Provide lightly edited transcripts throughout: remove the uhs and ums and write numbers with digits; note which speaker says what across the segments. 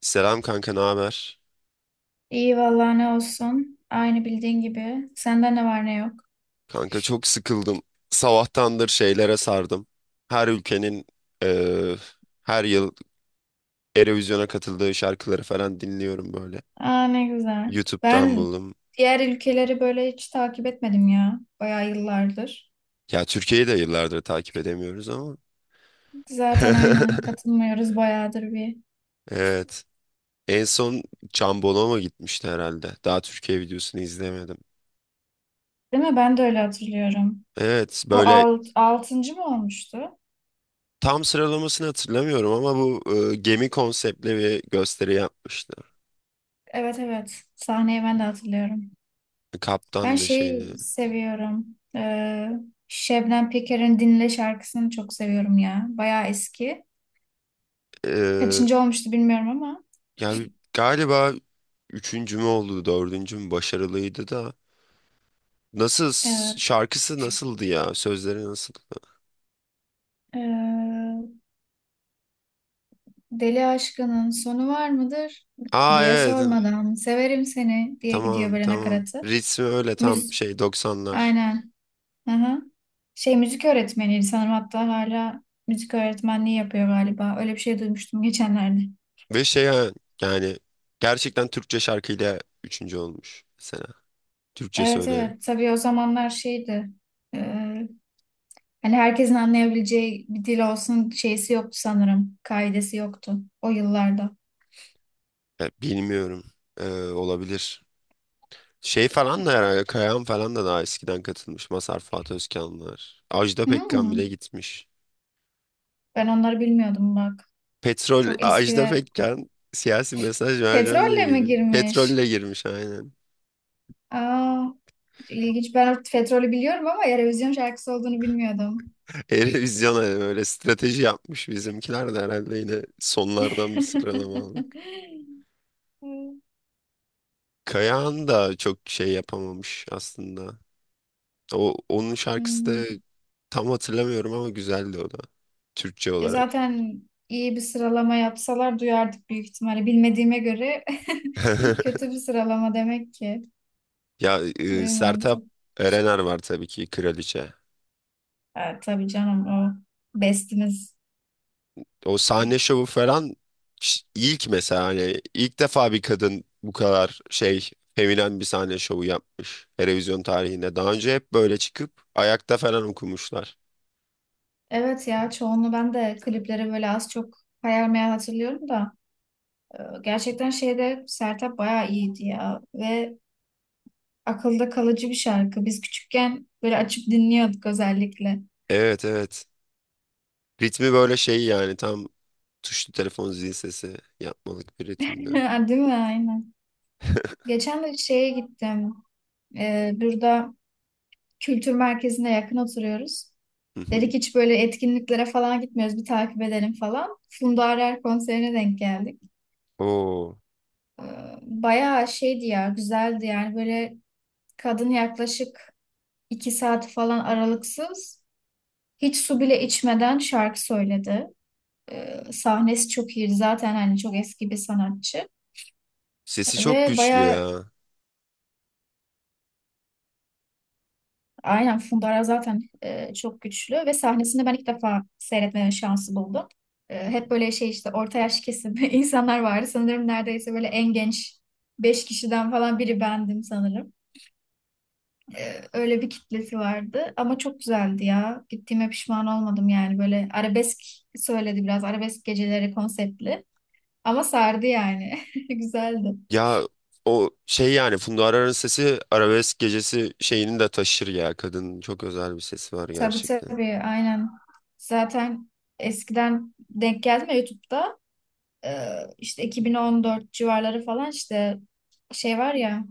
Speaker 1: Selam kanka, ne haber?
Speaker 2: İyi vallahi ne olsun. Aynı bildiğin gibi. Sende ne var ne yok.
Speaker 1: Kanka çok sıkıldım. Sabahtandır şeylere sardım. Her ülkenin eee, her yıl Eurovision'a katıldığı şarkıları falan dinliyorum böyle.
Speaker 2: Aa ne güzel.
Speaker 1: YouTube'dan
Speaker 2: Ben
Speaker 1: buldum.
Speaker 2: diğer ülkeleri böyle hiç takip etmedim ya. Bayağı yıllardır.
Speaker 1: Ya Türkiye'yi de yıllardır takip edemiyoruz ama.
Speaker 2: Zaten aynen katılmıyoruz bayağıdır bir.
Speaker 1: Evet. En son Can Bonomo gitmişti herhalde. Daha Türkiye videosunu izlemedim.
Speaker 2: Değil mi? Ben de öyle hatırlıyorum.
Speaker 1: Evet,
Speaker 2: O
Speaker 1: böyle
Speaker 2: altıncı mı olmuştu?
Speaker 1: tam sıralamasını hatırlamıyorum ama bu gemi konseptli bir gösteri yapmıştı.
Speaker 2: Evet evet. Sahneyi ben de hatırlıyorum. Ben
Speaker 1: Kaptan da şeydi.
Speaker 2: şeyi seviyorum. Ee, Şebnem Peker'in Dinle şarkısını çok seviyorum ya. Bayağı eski. Kaçıncı olmuştu bilmiyorum ama.
Speaker 1: Yani galiba üçüncü mü oldu, dördüncü mü başarılıydı da. Nasıl,
Speaker 2: Evet.
Speaker 1: şarkısı nasıldı ya? Sözleri nasıl?
Speaker 2: Ee, Deli aşkının sonu var mıdır
Speaker 1: Aa
Speaker 2: diye
Speaker 1: evet.
Speaker 2: sormadan severim seni diye gidiyor
Speaker 1: Tamam
Speaker 2: böyle
Speaker 1: tamam.
Speaker 2: nakaratı.
Speaker 1: Ritmi öyle tam
Speaker 2: Müz
Speaker 1: şey doksanlar.
Speaker 2: aynen. Hı hı. Şey müzik öğretmeniydi sanırım, hatta hala müzik öğretmenliği yapıyor galiba. Öyle bir şey duymuştum geçenlerde.
Speaker 1: Ve şey ha, yani gerçekten Türkçe şarkıyla üçüncü olmuş mesela. Türkçe
Speaker 2: Evet
Speaker 1: söylerim.
Speaker 2: evet, tabii o zamanlar şeydi. Ee, Hani herkesin anlayabileceği bir dil olsun şeysi yoktu sanırım. Kaidesi yoktu o yıllarda.
Speaker 1: Ya, bilmiyorum. Olabilir. Şey falan da herhalde Kayahan falan da daha eskiden katılmış. Mazhar Fuat Özkanlar. Ajda Pekkan
Speaker 2: Hmm,
Speaker 1: bile gitmiş.
Speaker 2: Ben onları bilmiyordum bak.
Speaker 1: Petrol
Speaker 2: Çok
Speaker 1: Ajda
Speaker 2: eskiler.
Speaker 1: Pekkan siyasi mesaj vereceğim diye
Speaker 2: Petrolle mi
Speaker 1: gelip
Speaker 2: girmiş?
Speaker 1: petrolle girmiş aynen.
Speaker 2: Aa, ilginç. Ben Petrol'ü biliyorum ama Eurovision şarkısı olduğunu bilmiyordum.
Speaker 1: Eurovision'a böyle strateji yapmış bizimkiler de herhalde yine sonlardan bir sıralama aldık. Kayahan da çok şey yapamamış aslında. O onun şarkısı
Speaker 2: Hmm.
Speaker 1: da tam hatırlamıyorum ama güzeldi o da, Türkçe olarak.
Speaker 2: Zaten iyi bir sıralama yapsalar duyardık büyük ihtimalle. Bilmediğime göre kötü bir sıralama demek ki.
Speaker 1: Ya e,
Speaker 2: Duymadım
Speaker 1: Sertab
Speaker 2: çok.
Speaker 1: Erener var tabii ki kraliçe.
Speaker 2: Ha, tabii canım, o bestimiz.
Speaker 1: O sahne şovu falan, ilk mesela hani ilk defa bir kadın bu kadar şey feminen bir sahne şovu yapmış televizyon tarihinde. Daha önce hep böyle çıkıp ayakta falan okumuşlar.
Speaker 2: Evet ya, çoğunu ben de klipleri böyle az çok hayal meyal hatırlıyorum da gerçekten şeyde Sertab bayağı iyiydi ya, ve akılda kalıcı bir şarkı. Biz küçükken böyle açıp dinliyorduk özellikle.
Speaker 1: Evet evet. Ritmi böyle şey yani tam tuşlu telefon zil sesi yapmalık bir ritimde.
Speaker 2: Ha, değil mi? Aynen. Geçen de şeye gittim. Burada kültür merkezine yakın oturuyoruz.
Speaker 1: Hı hı.
Speaker 2: Dedik hiç böyle etkinliklere falan gitmiyoruz. Bir takip edelim falan. Funda Arar konserine denk geldik.
Speaker 1: Oo,
Speaker 2: Ee, Bayağı şeydi ya, güzeldi yani. Böyle kadın yaklaşık 2 saat falan aralıksız, hiç su bile içmeden şarkı söyledi. Sahnesi çok iyiydi zaten, hani çok eski bir sanatçı.
Speaker 1: sesi çok
Speaker 2: Ve
Speaker 1: güçlü
Speaker 2: bayağı
Speaker 1: ya.
Speaker 2: aynen fundara zaten çok güçlü, ve sahnesinde ben ilk defa seyretme şansı buldum. Hep böyle şey işte orta yaş kesim insanlar vardı. Sanırım neredeyse böyle en genç 5 kişiden falan biri bendim sanırım. Öyle bir kitlesi vardı ama çok güzeldi ya. Gittiğime pişman olmadım yani. Böyle arabesk söyledi, biraz arabesk geceleri konseptli, ama sardı yani. Güzeldi.
Speaker 1: Ya o şey yani Funda Arar'ın sesi arabesk gecesi şeyini de taşır ya. Kadının çok özel bir sesi var
Speaker 2: Tabii
Speaker 1: gerçekten.
Speaker 2: tabii, aynen. Zaten eskiden denk geldim ya YouTube'da. e, işte 2014 civarları falan, işte şey var ya,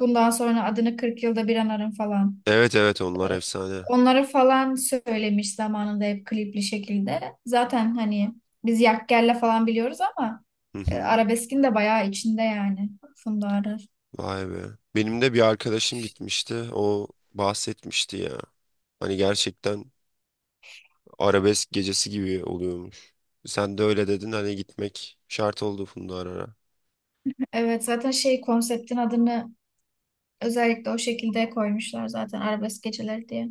Speaker 2: bundan sonra adını 40 yılda bir anarım falan.
Speaker 1: Evet evet,
Speaker 2: E,
Speaker 1: onlar efsane.
Speaker 2: Onları falan söylemiş zamanında, hep klipli şekilde. Zaten hani biz Yakgel'le falan biliyoruz ama
Speaker 1: Hı hı.
Speaker 2: Arabesk'in de bayağı içinde yani Funda Arar.
Speaker 1: Vay be. Benim de bir arkadaşım gitmişti. O bahsetmişti ya. Hani gerçekten arabesk gecesi gibi oluyormuş. Sen de öyle dedin, hani gitmek şart oldu Funda Arar'a.
Speaker 2: Evet, zaten şey konseptin adını özellikle o şekilde koymuşlar zaten, Arabesk Geceleri diye.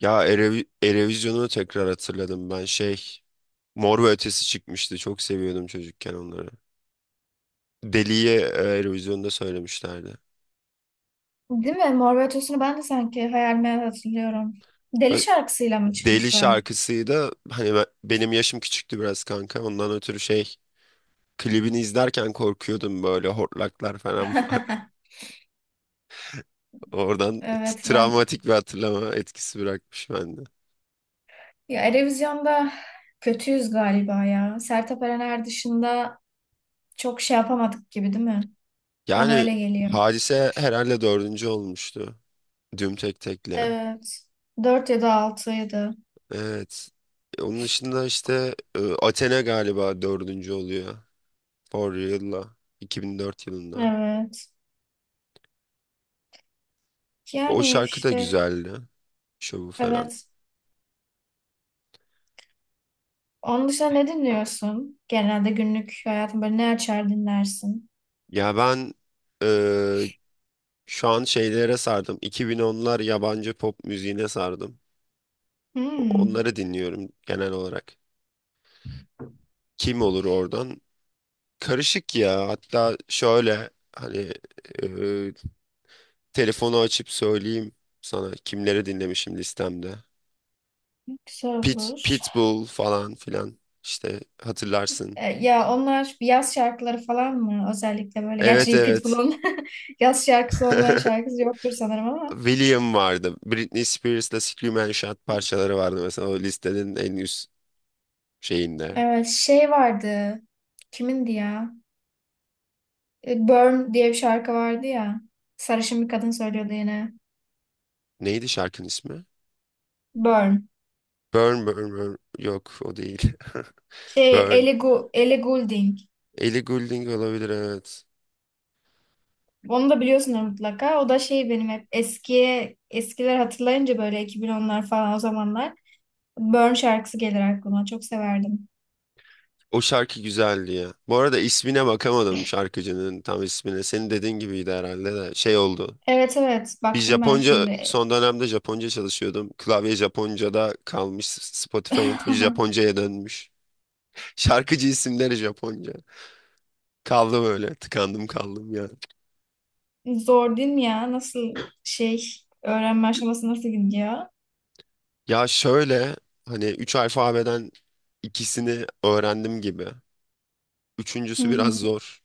Speaker 1: Ya Erevizyon'u tekrar hatırladım ben şey. Mor ve Ötesi çıkmıştı. Çok seviyordum çocukken onları. Deli'ye Eurovision'da söylemişlerdi.
Speaker 2: Değil mi? Mor ve Ötesi'ni ben de sanki hayal meyal hatırlıyorum. Deli
Speaker 1: Ve
Speaker 2: şarkısıyla mı
Speaker 1: Deli
Speaker 2: çıkmışlar?
Speaker 1: şarkısıydı. Hani benim yaşım küçüktü biraz kanka. Ondan ötürü şey, klibini izlerken korkuyordum, böyle hortlaklar falan var. Oradan
Speaker 2: Evet, ben
Speaker 1: travmatik bir hatırlama etkisi bırakmış bende.
Speaker 2: ya Erevizyon'da kötüyüz galiba ya. Sertab Erener dışında çok şey yapamadık gibi, değil mi? Bana
Speaker 1: Yani
Speaker 2: öyle geliyor.
Speaker 1: Hadise herhalde dördüncü olmuştu. Düm tek tekle.
Speaker 2: Evet. 4 ya da 6'ydı.
Speaker 1: Evet. Onun dışında işte Athena galiba dördüncü oluyor. For Real'la. 2004 yılında.
Speaker 2: Evet.
Speaker 1: O
Speaker 2: Yani
Speaker 1: şarkı da
Speaker 2: işte
Speaker 1: güzeldi. Şovu falan.
Speaker 2: evet. Onun dışında ne dinliyorsun? Genelde günlük hayatın böyle ne açar dinlersin?
Speaker 1: Ya ben e, şu an şeylere sardım. 2010'lar yabancı pop müziğine sardım.
Speaker 2: Hmm,
Speaker 1: Onları dinliyorum genel olarak. Kim olur oradan? Karışık ya. Hatta şöyle hani, e, telefonu açıp söyleyeyim sana kimleri dinlemişim listemde.
Speaker 2: güzel olur.
Speaker 1: Pitbull falan filan işte hatırlarsın.
Speaker 2: Ya onlar yaz şarkıları falan mı özellikle böyle?
Speaker 1: Evet
Speaker 2: Gerçi
Speaker 1: evet.
Speaker 2: Pitbull'un yaz şarkısı olmayan şarkısı yoktur sanırım ama.
Speaker 1: William vardı. Britney Spears'la Scream and Shout parçaları vardı mesela o listenin en üst şeyinde.
Speaker 2: Evet, şey vardı. Kimindi ya? Burn diye bir şarkı vardı ya. Sarışın bir kadın söylüyordu yine.
Speaker 1: Neydi şarkının ismi?
Speaker 2: Burn.
Speaker 1: Burn Burn Burn. Yok o değil.
Speaker 2: Şey
Speaker 1: Burn.
Speaker 2: Ellie, Ellie Goulding.
Speaker 1: Ellie Goulding olabilir evet.
Speaker 2: Onu da biliyorsunuz mutlaka. O da şey, benim hep eskiye eskiler hatırlayınca böyle 2010'lar falan o zamanlar. Burn şarkısı gelir aklıma. Çok severdim.
Speaker 1: O şarkı güzeldi ya. Bu arada ismine bakamadım şarkıcının tam ismine. Senin dediğin gibiydi herhalde de şey oldu.
Speaker 2: Evet evet,
Speaker 1: Bir
Speaker 2: baktım ben
Speaker 1: Japonca
Speaker 2: şimdi.
Speaker 1: son dönemde Japonca çalışıyordum. Klavye Japonca'da kalmış. Spotify'ın full Japonca'ya dönmüş. Şarkıcı isimleri Japonca. Kaldım öyle. Tıkandım kaldım ya.
Speaker 2: Zor değil mi ya? Nasıl şey, öğrenme aşaması nasıl gidiyor?
Speaker 1: Ya şöyle hani 3 alfabeden ikisini öğrendim gibi.
Speaker 2: Hı
Speaker 1: Üçüncüsü biraz
Speaker 2: hı.
Speaker 1: zor.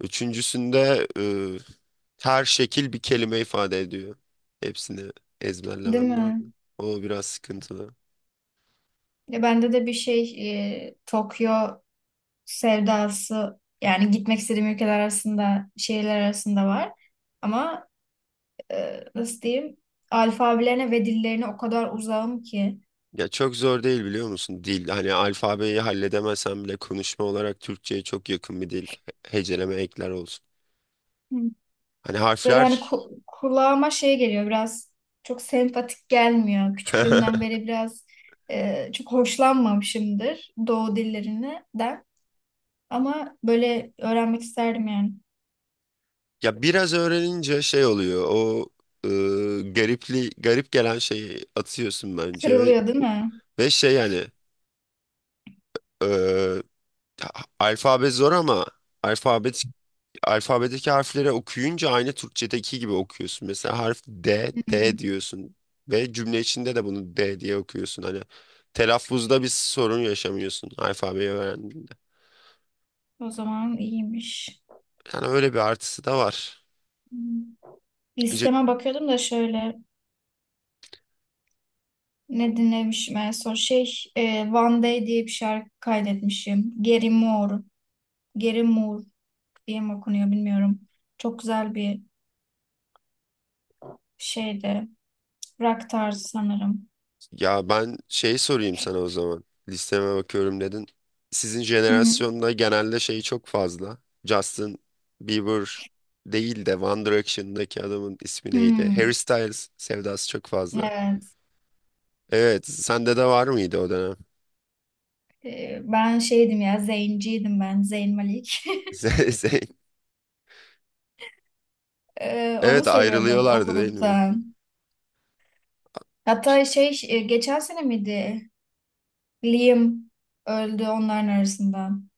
Speaker 1: Üçüncüsünde her şekil bir kelime ifade ediyor. Hepsini
Speaker 2: Değil
Speaker 1: ezberlemen
Speaker 2: mi?
Speaker 1: lazım. O biraz sıkıntılı.
Speaker 2: Ya bende de bir şey, Tokyo sevdası yani, gitmek istediğim ülkeler arasında, şehirler arasında var. Ama nasıl diyeyim, alfabelerine ve dillerine o kadar uzağım ki.
Speaker 1: Ya çok zor değil biliyor musun? Dil hani alfabeyi halledemesen bile konuşma olarak Türkçe'ye çok yakın bir dil. Heceleme ekler olsun.
Speaker 2: Hı.
Speaker 1: Hani
Speaker 2: Böyle hani
Speaker 1: harfler
Speaker 2: kulağıma şey geliyor biraz, çok sempatik gelmiyor. Küçüklüğümden beri biraz çok hoşlanmamışımdır doğu dillerinden, ama böyle öğrenmek isterdim yani.
Speaker 1: ya biraz öğrenince şey oluyor. O e, garip gelen şeyi atıyorsun bence ve
Speaker 2: Kırılıyor değil mi?
Speaker 1: şey yani, e, ta- alfabe zor ama alfabetik alfabedeki harfleri okuyunca aynı Türkçedeki gibi okuyorsun. Mesela harf D, D
Speaker 2: Hmm.
Speaker 1: diyorsun ve cümle içinde de bunu D diye okuyorsun. Hani telaffuzda bir sorun yaşamıyorsun alfabeyi öğrendiğinde.
Speaker 2: O zaman iyiymiş.
Speaker 1: Yani öyle bir artısı da var.
Speaker 2: Hı.
Speaker 1: Ce-
Speaker 2: Listeme bakıyordum da şöyle ne dinlemişim en son. Şey, One Day diye bir şarkı kaydetmişim. Gary Moore, Gary Moore diye mi okunuyor bilmiyorum. Çok güzel bir şeydi. Rock tarzı sanırım.
Speaker 1: Ya ben şey sorayım sana o zaman. Listeme bakıyorum dedin. Sizin
Speaker 2: Hı hı.
Speaker 1: jenerasyonda genelde şey çok fazla. Justin Bieber değil de One Direction'daki adamın ismi neydi? Harry
Speaker 2: Hmm,
Speaker 1: Styles sevdası çok fazla.
Speaker 2: evet.
Speaker 1: Evet, sende de var mıydı o dönem?
Speaker 2: Ben şeydim ya, Zayn'ciydim ben, Zayn Malik.
Speaker 1: Ze- Ze-
Speaker 2: E, onu
Speaker 1: Evet
Speaker 2: seviyordum o
Speaker 1: ayrılıyorlardı değil mi?
Speaker 2: gruptan. Hatta
Speaker 1: İşte.
Speaker 2: şey, geçen sene miydi? Liam öldü onların arasından.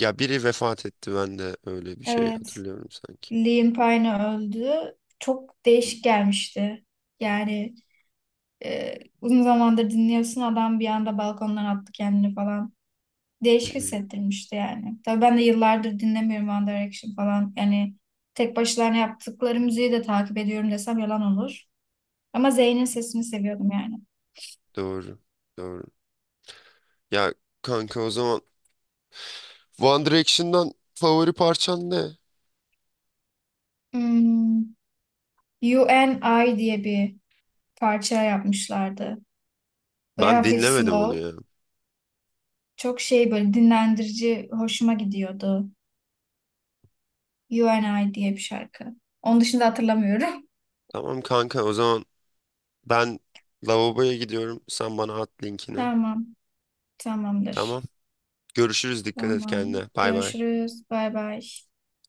Speaker 1: Ya biri vefat etti, ben de öyle bir şey
Speaker 2: Evet.
Speaker 1: hatırlıyorum sanki.
Speaker 2: Liam Payne öldü. Çok değişik gelmişti. Yani uzun zamandır dinliyorsun, adam bir anda balkondan attı kendini falan.
Speaker 1: Hı
Speaker 2: Değişik
Speaker 1: hı.
Speaker 2: hissettirmişti yani. Tabii ben de yıllardır dinlemiyorum One Direction falan. Yani tek başlarına yaptıkları müziği de takip ediyorum desem yalan olur. Ama Zayn'in sesini seviyordum yani.
Speaker 1: Doğru. Doğru. Ya kanka, o zaman One Direction'dan favori parçan ne?
Speaker 2: Hmm, You and I diye bir parça yapmışlardı. Böyle
Speaker 1: Ben
Speaker 2: hafif
Speaker 1: dinlemedim onu
Speaker 2: slow.
Speaker 1: ya.
Speaker 2: Çok şey, böyle dinlendirici, hoşuma gidiyordu. You and I diye bir şarkı. Onun dışında hatırlamıyorum.
Speaker 1: Tamam kanka, o zaman ben lavaboya gidiyorum. Sen bana at linkini.
Speaker 2: Tamam.
Speaker 1: Tamam.
Speaker 2: Tamamdır.
Speaker 1: Görüşürüz. Dikkat et
Speaker 2: Tamam.
Speaker 1: kendine. Bay bay.
Speaker 2: Görüşürüz. Bay bay.